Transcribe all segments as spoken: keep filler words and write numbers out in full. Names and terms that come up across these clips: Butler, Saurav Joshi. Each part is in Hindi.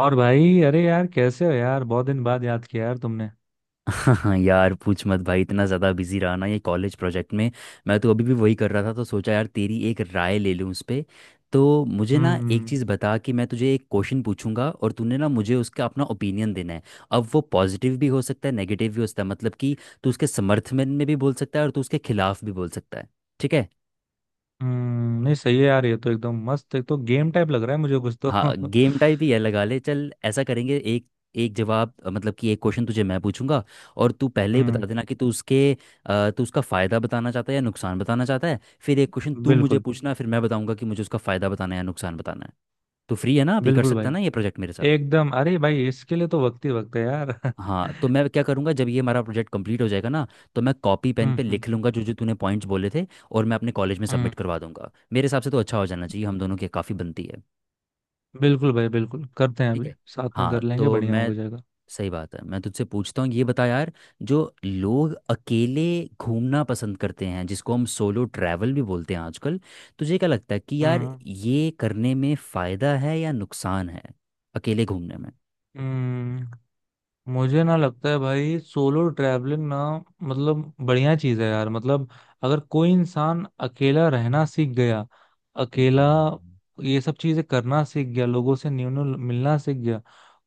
और भाई, अरे यार, कैसे हो यार? बहुत दिन बाद याद किया यार तुमने। हाँ यार, पूछ मत भाई। इतना ज़्यादा बिजी रहा ना ये कॉलेज प्रोजेक्ट में। मैं तो अभी भी वही कर रहा था, तो सोचा यार तेरी एक राय ले लूँ उस पे। तो मुझे ना एक हम्म। चीज़ बता, कि मैं तुझे एक क्वेश्चन पूछूंगा और तूने ना मुझे उसका अपना ओपिनियन देना है। अब वो पॉजिटिव भी हो सकता है, नेगेटिव भी हो सकता है, मतलब कि तू उसके समर्थन में भी बोल सकता है और तू उसके खिलाफ भी बोल सकता है। ठीक है। हम्म। नहीं, सही है यार, ये तो एकदम मस्त। एक तो गेम टाइप लग रहा है मुझे कुछ तो। हाँ, गेम टाइप ही है, लगा ले। चल ऐसा करेंगे, एक एक जवाब अ, मतलब कि एक क्वेश्चन तुझे मैं पूछूंगा और तू पहले ही बता हम्म। देना कि तू उसके अ, तू उसका फ़ायदा बताना चाहता है या नुकसान बताना चाहता है। फिर एक क्वेश्चन तू मुझे बिल्कुल। पूछना, फिर मैं बताऊंगा कि मुझे उसका फ़ायदा बताना है या नुकसान बताना है। तो फ्री है ना अभी? कर बिल्कुल सकता है भाई। ना ये प्रोजेक्ट मेरे साथ? एकदम! अरे भाई, इसके लिए तो वक्त ही वक्त है यार। हाँ, तो मैं क्या करूँगा, जब ये हमारा प्रोजेक्ट कंप्लीट हो जाएगा ना, तो मैं कॉपी पेन हम्म। पे हम्म। लिख लूँगा जो जो तूने पॉइंट्स बोले थे, और मैं अपने कॉलेज में हम्म। सबमिट करवा दूंगा। मेरे हिसाब से तो अच्छा हो जाना चाहिए, हम दोनों की काफ़ी बनती है। बिल्कुल भाई, बिल्कुल करते हैं, ठीक अभी है। साथ में हाँ कर लेंगे, तो बढ़िया मैं, हो जाएगा। सही बात है, मैं तुझसे पूछता हूँ। ये बता यार, जो लोग अकेले घूमना पसंद करते हैं, जिसको हम सोलो ट्रैवल भी बोलते हैं आजकल, तुझे क्या लगता है कि यार हम्म ये करने में फायदा है या नुकसान है, अकेले घूमने में? हम्म मुझे ना लगता है भाई, सोलो ट्रैवलिंग ना, मतलब बढ़िया चीज है यार, मतलब। अगर कोई इंसान अकेला रहना सीख गया, अकेला ये सब चीजें करना सीख गया, लोगों से न्यू न्यू मिलना सीख गया,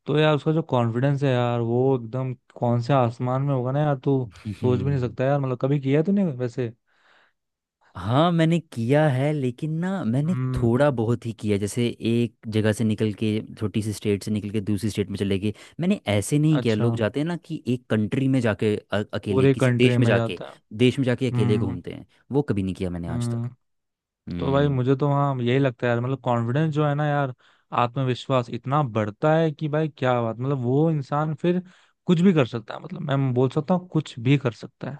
तो यार उसका जो कॉन्फिडेंस है यार, वो एकदम कौन से आसमान में होगा ना यार, तू सोच भी नहीं हम्म। सकता यार। मतलब कभी किया है तूने वैसे? हाँ मैंने किया है, लेकिन ना मैंने हम्म। थोड़ा बहुत ही किया, जैसे एक जगह से निकल के, छोटी सी स्टेट से निकल के दूसरी स्टेट में चले गए। मैंने ऐसे नहीं किया, अच्छा। लोग जाते हैं ना कि एक कंट्री में जाके, अ- अकेले पूरे किसी कंट्री देश में में जाके, जाता है? देश में जाके अकेले हम्म। घूमते हैं। वो कभी नहीं किया मैंने आज तक। हम्म। तो भाई हम्म। मुझे तो वहाँ यही लगता है यार, मतलब कॉन्फिडेंस जो है ना यार, आत्मविश्वास इतना बढ़ता है कि भाई क्या बात! मतलब वो इंसान फिर कुछ भी कर सकता है, मतलब मैं बोल सकता हूँ कुछ भी कर सकता है।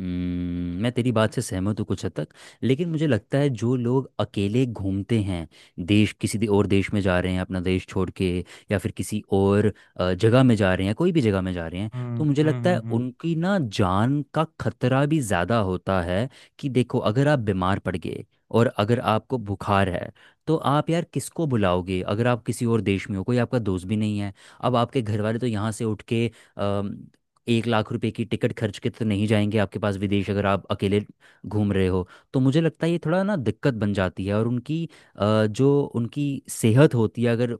हम्म, मैं तेरी बात से सहमत हूँ कुछ हद तक, लेकिन मुझे लगता है जो लोग अकेले घूमते हैं, देश किसी दे और देश में जा रहे हैं अपना देश छोड़ के, या फिर किसी और अ, जगह में जा रहे हैं, कोई भी जगह में जा रहे हैं, हम्म। तो मुझे हम्म। लगता हम्म। है हम्म। उनकी ना जान का खतरा भी ज़्यादा होता है। कि देखो, अगर आप बीमार पड़ गए और अगर आपको बुखार है, तो आप यार किसको बुलाओगे, अगर आप किसी और देश में हो, कोई आपका दोस्त भी नहीं है। अब आपके घर वाले तो यहाँ से उठ के एक लाख रुपए की टिकट खर्च के तो नहीं जाएंगे आपके पास विदेश, अगर आप अकेले घूम रहे हो। तो मुझे लगता है ये थोड़ा ना दिक्कत बन जाती है, और उनकी अ, जो उनकी सेहत होती है, अगर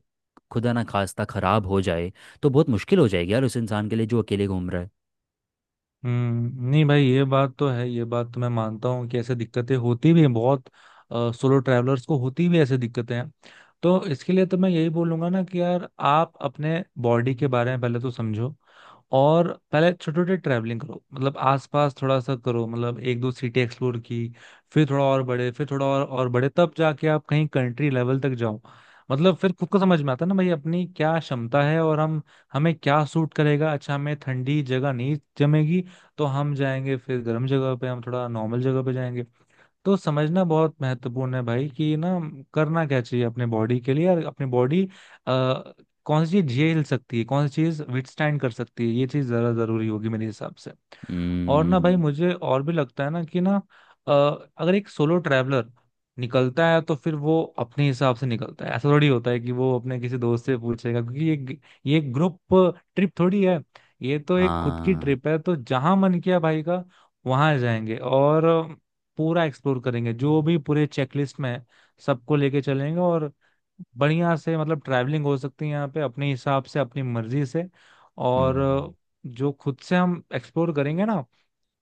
खुदा ना खास्ता ख़राब हो जाए, तो बहुत मुश्किल हो जाएगी यार उस इंसान के लिए जो अकेले घूम रहा है। हम्म, नहीं भाई, ये बात तो है, ये बात तो मैं मानता हूँ कि ऐसे दिक्कतें होती भी हैं बहुत। सोलो ट्रैवलर्स को होती भी ऐसे दिक्कतें हैं। तो इसके लिए तो मैं यही बोलूंगा ना कि यार आप अपने बॉडी के बारे में पहले तो समझो, और पहले छोटे छोटे ट्रैवलिंग करो, मतलब आसपास थोड़ा सा करो, मतलब एक दो सिटी एक्सप्लोर की, फिर थोड़ा और बड़े, फिर थोड़ा और और बड़े, तब जाके आप कहीं कंट्री लेवल तक जाओ। मतलब फिर खुद को समझ में आता है ना भाई अपनी क्या क्षमता है, और हम हमें क्या सूट करेगा। अच्छा, हमें ठंडी जगह नहीं जमेगी तो हम जाएंगे फिर गर्म जगह पे, हम थोड़ा नॉर्मल जगह पे जाएंगे। तो समझना बहुत महत्वपूर्ण है भाई कि ना करना क्या चाहिए अपने बॉडी के लिए, और अपनी बॉडी अ, कौन सी चीज झेल सकती है, कौन सी चीज विथस्टैंड कर सकती है, ये चीज जरा जरूरी होगी मेरे हिसाब से। और ना भाई हम्म। मुझे और भी लगता है ना कि ना, अ, अगर एक सोलो ट्रैवलर निकलता है तो फिर वो अपने हिसाब से निकलता है, ऐसा थोड़ी होता है कि वो अपने किसी दोस्त से पूछेगा, क्योंकि ये ये ग्रुप ट्रिप थोड़ी है। ये तो एक खुद की हाँ। ट्रिप है, तो जहां मन किया भाई का वहां जाएंगे और पूरा एक्सप्लोर करेंगे जो भी पूरे चेकलिस्ट में है, सबको लेके चलेंगे। और बढ़िया से मतलब ट्रैवलिंग हो सकती है यहाँ पे अपने हिसाब से, अपनी मर्जी से। और हम्म। जो खुद से हम एक्सप्लोर करेंगे ना,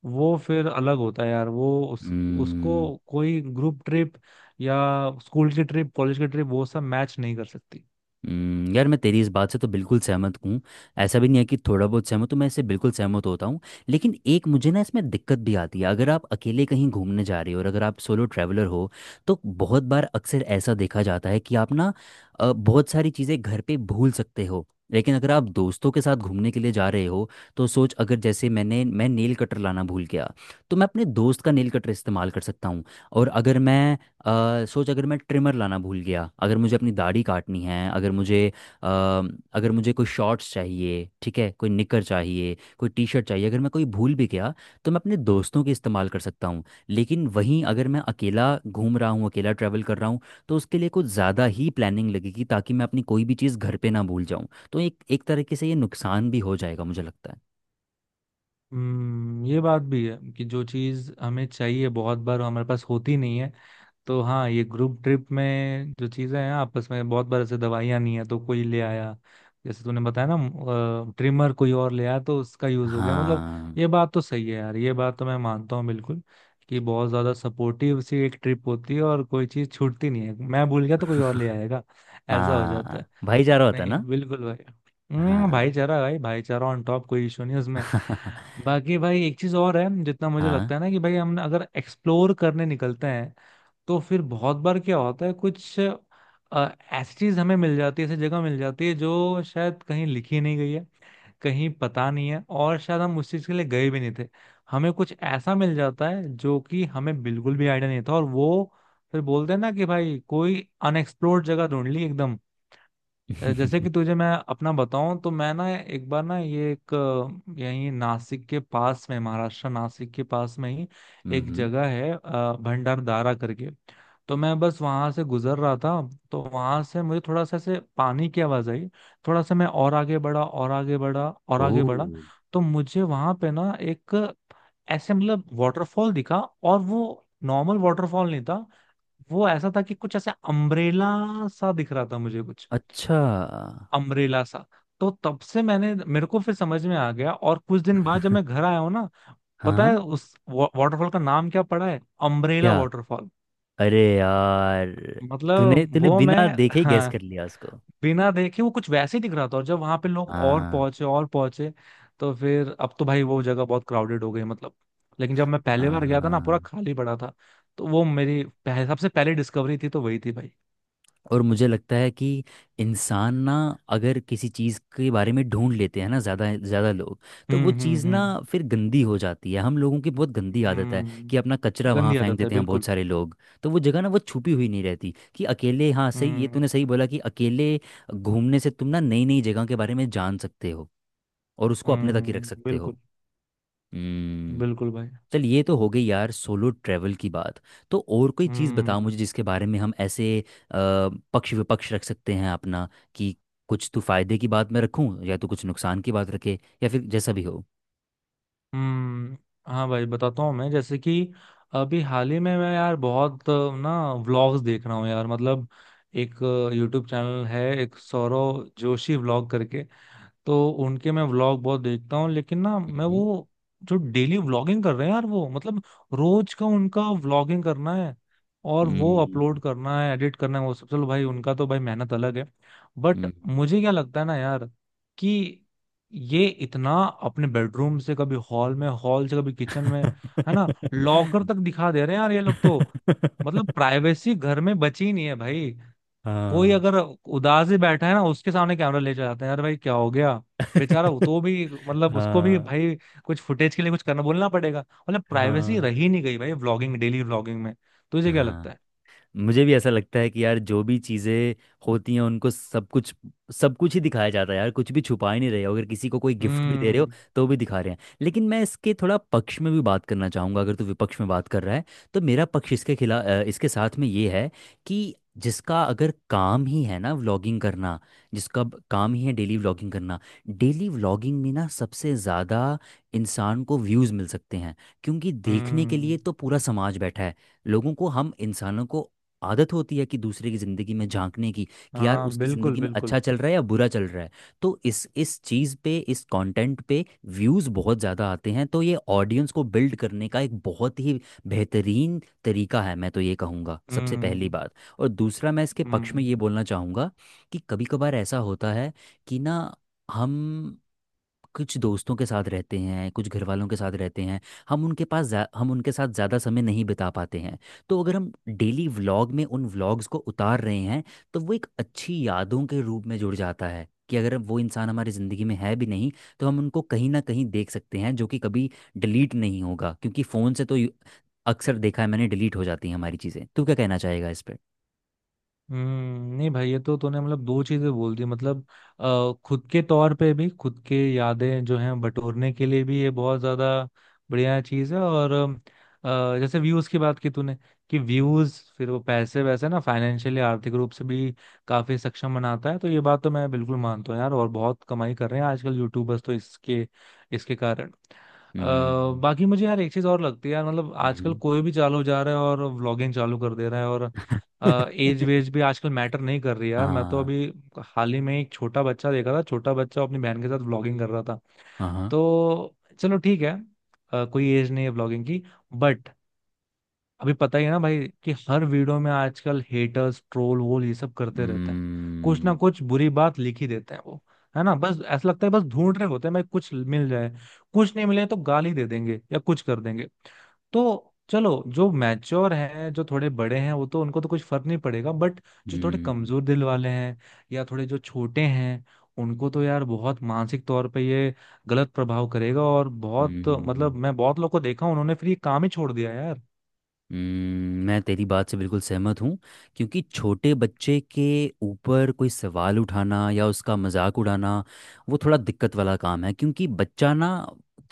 वो फिर अलग होता है यार, वो उस उसको हम्म। कोई ग्रुप ट्रिप या स्कूल की ट्रिप, कॉलेज की ट्रिप, वो सब मैच नहीं कर सकती। हम्म, यार मैं तेरी इस बात से तो बिल्कुल सहमत हूँ। ऐसा भी नहीं है कि थोड़ा बहुत सहमत हूँ, मैं इससे बिल्कुल सहमत होता हूँ। लेकिन एक मुझे ना इसमें दिक्कत भी आती है, अगर आप अकेले कहीं घूमने जा रहे हो और अगर आप सोलो ट्रैवलर हो, तो बहुत बार अक्सर ऐसा देखा जाता है कि आप ना अ, बहुत सारी चीज़ें घर पे भूल सकते हो। लेकिन अगर आप दोस्तों के साथ घूमने के लिए जा रहे हो, तो सोच, अगर जैसे मैंने मैं नेल कटर लाना भूल गया, तो मैं अपने दोस्त का नेल कटर इस्तेमाल कर सकता हूँ। और अगर मैं अ, सोच, अगर मैं ट्रिमर लाना भूल गया, अगर मुझे अपनी दाढ़ी काटनी है, अगर मुझे अ, अगर मुझे कोई शॉर्ट्स चाहिए, ठीक है, कोई निकर चाहिए, कोई टी शर्ट चाहिए, अगर मैं कोई भूल भी गया, तो मैं अपने दोस्तों के इस्तेमाल कर सकता हूँ। लेकिन वहीं अगर मैं अकेला घूम रहा हूँ, अकेला ट्रैवल कर रहा हूँ, तो उसके लिए कुछ ज़्यादा ही प्लानिंग लगेगी ताकि मैं अपनी कोई भी चीज़ घर पे ना भूल जाऊँ। तो एक एक तरीके से ये नुकसान भी हो जाएगा, मुझे लगता है। हम्म। ये बात भी है कि जो चीज़ हमें चाहिए बहुत बार हमारे पास होती नहीं है। तो हाँ, ये ग्रुप ट्रिप में जो चीज़ें हैं आपस में, बहुत बार ऐसे दवाइयाँ नहीं है तो कोई ले आया, जैसे तूने बताया ना, ट्रिमर कोई और ले आया तो उसका यूज हो गया, मतलब हाँ। ये बात तो सही है यार, ये बात तो मैं मानता हूँ बिल्कुल। कि बहुत ज्यादा सपोर्टिव सी एक ट्रिप होती है, और कोई चीज छूटती नहीं है, मैं भूल गया तो कोई और ले आएगा। ऐसा हो जाता है। हाँ भाई, जा रहा होता है नहीं, ना। बिल्कुल भाई। हम्म, हाँ। भाईचारा भाई, भाईचारा ऑन टॉप, कोई इशू नहीं उसमें। बाकी भाई एक चीज और है, जितना मुझे हाँ। लगता है ना, कि भाई हम अगर एक्सप्लोर करने निकलते हैं, तो फिर बहुत बार क्या होता है, कुछ ऐसी चीज हमें मिल जाती है, ऐसी जगह मिल जाती है जो शायद कहीं लिखी नहीं गई है, कहीं पता नहीं है, और शायद हम उस चीज के लिए गए भी नहीं थे, हमें कुछ ऐसा मिल जाता है जो कि हमें बिल्कुल भी आइडिया नहीं था, और वो फिर बोलते हैं ना कि भाई कोई अनएक्सप्लोर्ड जगह ढूंढ ली एकदम। अ, जैसे कि तुझे मैं अपना बताऊं तो मैं ना एक बार ना ये एक अ, यही नासिक के पास में, महाराष्ट्र, नासिक के पास में ही एक हम्म। जगह है, अ, भंडारदारा करके। तो मैं बस वहां से गुजर रहा था, तो वहां से मुझे थोड़ा सा ऐसे पानी की आवाज आई, थोड़ा सा मैं और आगे बढ़ा, और आगे बढ़ा, और ओ। आगे बढ़ा, तो मुझे वहां पे ना एक ऐसे मतलब वाटरफॉल दिखा, और वो नॉर्मल वाटरफॉल नहीं था। वो ऐसा था कि कुछ ऐसे अम्ब्रेला सा दिख रहा था मुझे, कुछ अच्छा। अम्ब्रेला सा। तो तब से मैंने, मेरे को फिर समझ में आ गया, और कुछ दिन बाद जब मैं घर आया हूँ ना, पता है हाँ। उस वा, वाटरफॉल का नाम क्या पड़ा है? अम्ब्रेला क्या? वाटरफॉल। अरे यार, तूने मतलब तूने वो मैं, बिना देखे ही गैस हाँ, कर लिया उसको। बिना देखे वो कुछ वैसे ही दिख रहा था, और जब वहां पे लोग और हाँ। पहुंचे और पहुंचे, तो फिर अब तो भाई वो जगह बहुत क्राउडेड हो गई मतलब। लेकिन जब मैं पहली हाँ। बार गया था ना, पूरा हाँ। खाली पड़ा था। तो वो मेरी पह, सबसे पहली डिस्कवरी थी, तो वही थी भाई। और मुझे लगता है कि इंसान ना, अगर किसी चीज़ के बारे में ढूंढ लेते हैं ना ज़्यादा ज़्यादा लोग, तो हम्म। वो हम्म। चीज़ ना हम्म। फिर गंदी हो जाती है। हम लोगों की बहुत गंदी आदत है कि हम्म, अपना कचरा वहाँ गंदी फेंक आदत है देते हैं बहुत बिल्कुल। सारे लोग। तो वो जगह ना वो छुपी हुई नहीं रहती कि अकेले। हाँ सही, ये हम्म। तूने सही बोला, कि अकेले घूमने से तुम ना नई नई जगह के बारे में जान सकते हो, और उसको अपने तक ही रख हम्म। सकते हो। बिल्कुल हम्म। बिल्कुल भाई। चल, ये तो हो गई यार सोलो ट्रैवल की बात। तो और कोई चीज़ हम्म। बताओ मुझे, जिसके बारे में हम ऐसे अ, पक्ष विपक्ष रख सकते हैं अपना। कि कुछ तू फायदे की बात मैं रखूं, या तू कुछ नुकसान की बात रखे, या फिर जैसा भी हो। हम्म। हाँ भाई, बताता हूँ मैं, जैसे कि अभी हाल ही में मैं यार बहुत अ, ना व्लॉग्स देख रहा हूँ यार, मतलब एक यूट्यूब चैनल है, एक सौरव जोशी व्लॉग करके। तो उनके मैं व्लॉग बहुत देखता हूँ, लेकिन ना मैं मम्म। वो जो डेली व्लॉगिंग कर रहे हैं यार, वो मतलब रोज का उनका व्लॉगिंग करना है, और वो हम्म। अपलोड करना है, एडिट करना है, वो सब चलो भाई, उनका तो भाई मेहनत अलग है। बट हम्म। मुझे क्या लगता है ना यार, कि ये इतना अपने बेडरूम से कभी हॉल में, हॉल से कभी किचन में, है ना, लॉकर तक दिखा दे रहे हैं यार ये लोग तो। मतलब प्राइवेसी घर में बची ही नहीं है भाई। कोई हाँ। अगर उदास ही बैठा है ना, उसके सामने कैमरा ले जाते हैं यार, भाई क्या हो गया, बेचारा वो, तो भी मतलब उसको भी हाँ। भाई कुछ फुटेज के लिए कुछ करना बोलना पड़ेगा। मतलब प्राइवेसी हाँ। रही नहीं गई भाई व्लॉगिंग, डेली व्लॉगिंग में। तुझे क्या लगता हाँ, है? मुझे भी ऐसा लगता है कि यार जो भी चीज़ें होती हैं, उनको सब कुछ, सब कुछ ही दिखाया जाता है यार। कुछ भी छुपा ही नहीं रहे हो, अगर किसी को कोई गिफ्ट भी दे रहे हो हम्म। तो भी दिखा रहे हैं। लेकिन मैं इसके थोड़ा पक्ष में भी बात करना चाहूँगा। अगर तू विपक्ष में बात कर रहा है, तो मेरा पक्ष इसके खिलाफ इसके साथ में ये है कि जिसका अगर काम ही है ना व्लॉगिंग करना, जिसका ब- काम ही है डेली व्लॉगिंग करना, डेली व्लॉगिंग में ना सबसे ज़्यादा इंसान को व्यूज़ मिल सकते हैं, क्योंकि देखने के हम्म। लिए तो पूरा समाज बैठा है। लोगों को, हम इंसानों को आदत होती है कि दूसरे की जिंदगी में झांकने की, कि यार हाँ, उसकी बिल्कुल जिंदगी में अच्छा बिल्कुल। चल रहा है या बुरा चल रहा है। तो इस इस चीज पे, इस कंटेंट पे व्यूज बहुत ज्यादा आते हैं। तो ये ऑडियंस को बिल्ड करने का एक बहुत ही बेहतरीन तरीका है, मैं तो ये कहूँगा, सबसे पहली हम्म। बात। और दूसरा मैं इसके पक्ष में हम्म। ये बोलना चाहूँगा, कि कभी कभार ऐसा होता है कि ना हम कुछ दोस्तों के साथ रहते हैं, कुछ घर वालों के साथ रहते हैं, हम उनके पास ज्या- हम उनके साथ ज़्यादा समय नहीं बिता पाते हैं। तो अगर हम डेली व्लॉग में उन व्लॉग्स को उतार रहे हैं, तो वो एक अच्छी यादों के रूप में जुड़ जाता है, कि अगर वो इंसान हमारी ज़िंदगी में है भी नहीं, तो हम उनको कहीं ना कहीं देख सकते हैं, जो कि कभी डिलीट नहीं होगा। क्योंकि फ़ोन से तो यू- अक्सर देखा है मैंने, डिलीट हो जाती हैं हमारी चीज़ें। तू क्या कहना चाहेगा इस पर? हम्म। नहीं भाई, ये तो तूने मतलब दो चीजें बोल दी मतलब, आ, खुद के तौर पे भी, खुद के यादें जो हैं बटोरने के लिए भी ये बहुत ज्यादा बढ़िया चीज है। और अ, जैसे व्यूज की बात की तूने, कि व्यूज फिर वो पैसे वैसे ना, फाइनेंशियली, आर्थिक रूप से भी काफी सक्षम बनाता है। तो ये बात तो मैं बिल्कुल मानता हूँ यार, और बहुत कमाई कर रहे हैं आजकल यूट्यूबर्स तो इसके इसके कारण। अ, हम्म। बाकी मुझे यार एक चीज और लगती है यार, मतलब आजकल हम्म। कोई भी चालू जा रहा है और व्लॉगिंग चालू कर दे रहा है, और एज वेज भी आजकल मैटर नहीं कर रही है यार, मैं तो हाँ। अभी हाल ही में एक छोटा बच्चा देखा था, छोटा बच्चा अपनी बहन के साथ व्लॉगिंग कर रहा था। हाँ। हाँ। तो चलो ठीक है, अ, कोई एज नहीं है व्लॉगिंग की, बट अभी पता ही है ना भाई कि हर वीडियो में आजकल हेटर्स, ट्रोल वोल, ये सब करते रहते हैं, कुछ हम्म। ना कुछ बुरी बात लिख ही देते हैं वो, है ना? बस ऐसा लगता है, बस ढूंढ रहे होते हैं भाई कुछ मिल जाए, कुछ नहीं मिले तो गाली दे देंगे या कुछ कर देंगे। तो चलो जो मैच्योर हैं, जो थोड़े बड़े हैं वो तो, उनको तो कुछ फर्क नहीं पड़ेगा, बट जो थोड़े हम्म। कमजोर दिल वाले हैं या थोड़े जो छोटे हैं, उनको तो यार बहुत मानसिक तौर पे ये गलत प्रभाव करेगा, और बहुत मतलब हम्म। मैं बहुत लोग को देखा उन्होंने फिर ये काम ही छोड़ दिया यार। हम्म, मैं तेरी बात से बिल्कुल सहमत हूँ। क्योंकि छोटे बच्चे के ऊपर कोई सवाल उठाना या उसका मजाक उड़ाना, वो थोड़ा दिक्कत वाला काम है। क्योंकि बच्चा ना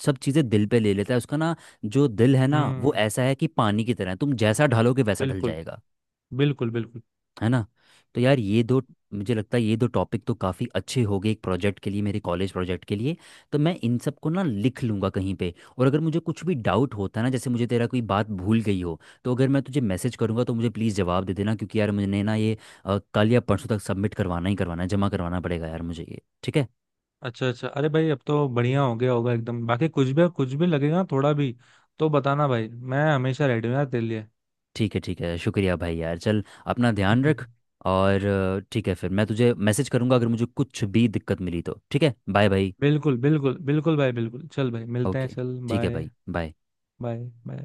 सब चीज़ें दिल पे ले लेता है। उसका ना जो दिल है ना, वो हम्म। ऐसा है कि पानी की तरह है, तुम जैसा ढालोगे वैसा ढल बिल्कुल। जाएगा। बिल्कुल बिल्कुल। है ना? तो यार ये दो, मुझे लगता है ये दो टॉपिक तो काफ़ी अच्छे हो गए एक प्रोजेक्ट के लिए, मेरे कॉलेज प्रोजेक्ट के लिए। तो मैं इन सब को ना लिख लूँगा कहीं पे, और अगर मुझे कुछ भी डाउट होता है ना, जैसे मुझे तेरा कोई बात भूल गई हो, तो अगर मैं तुझे मैसेज करूँगा, तो मुझे प्लीज़ जवाब दे देना। क्योंकि यार मुझे ना ये अ, कल या परसों तक सबमिट करवाना ही करवाना है, जमा करवाना पड़ेगा यार मुझे ये। ठीक है? अच्छा अच्छा। अरे भाई अब तो बढ़िया हो गया होगा एकदम, बाकी कुछ भी, कुछ भी लगेगा थोड़ा भी तो बताना भाई, मैं हमेशा रेडी हूँ यार तेरे लिए। ठीक है, ठीक है, शुक्रिया भाई। यार चल, अपना ध्यान रख। और अ, ठीक है, फिर मैं तुझे मैसेज करूँगा अगर मुझे कुछ भी दिक्कत मिली तो। ठीक है, बाय भाई। बिल्कुल बिल्कुल बिल्कुल भाई, बिल्कुल चल भाई, मिलते हैं, ओके। चल ठीक है बाय, भाई, बाय। Bye bye.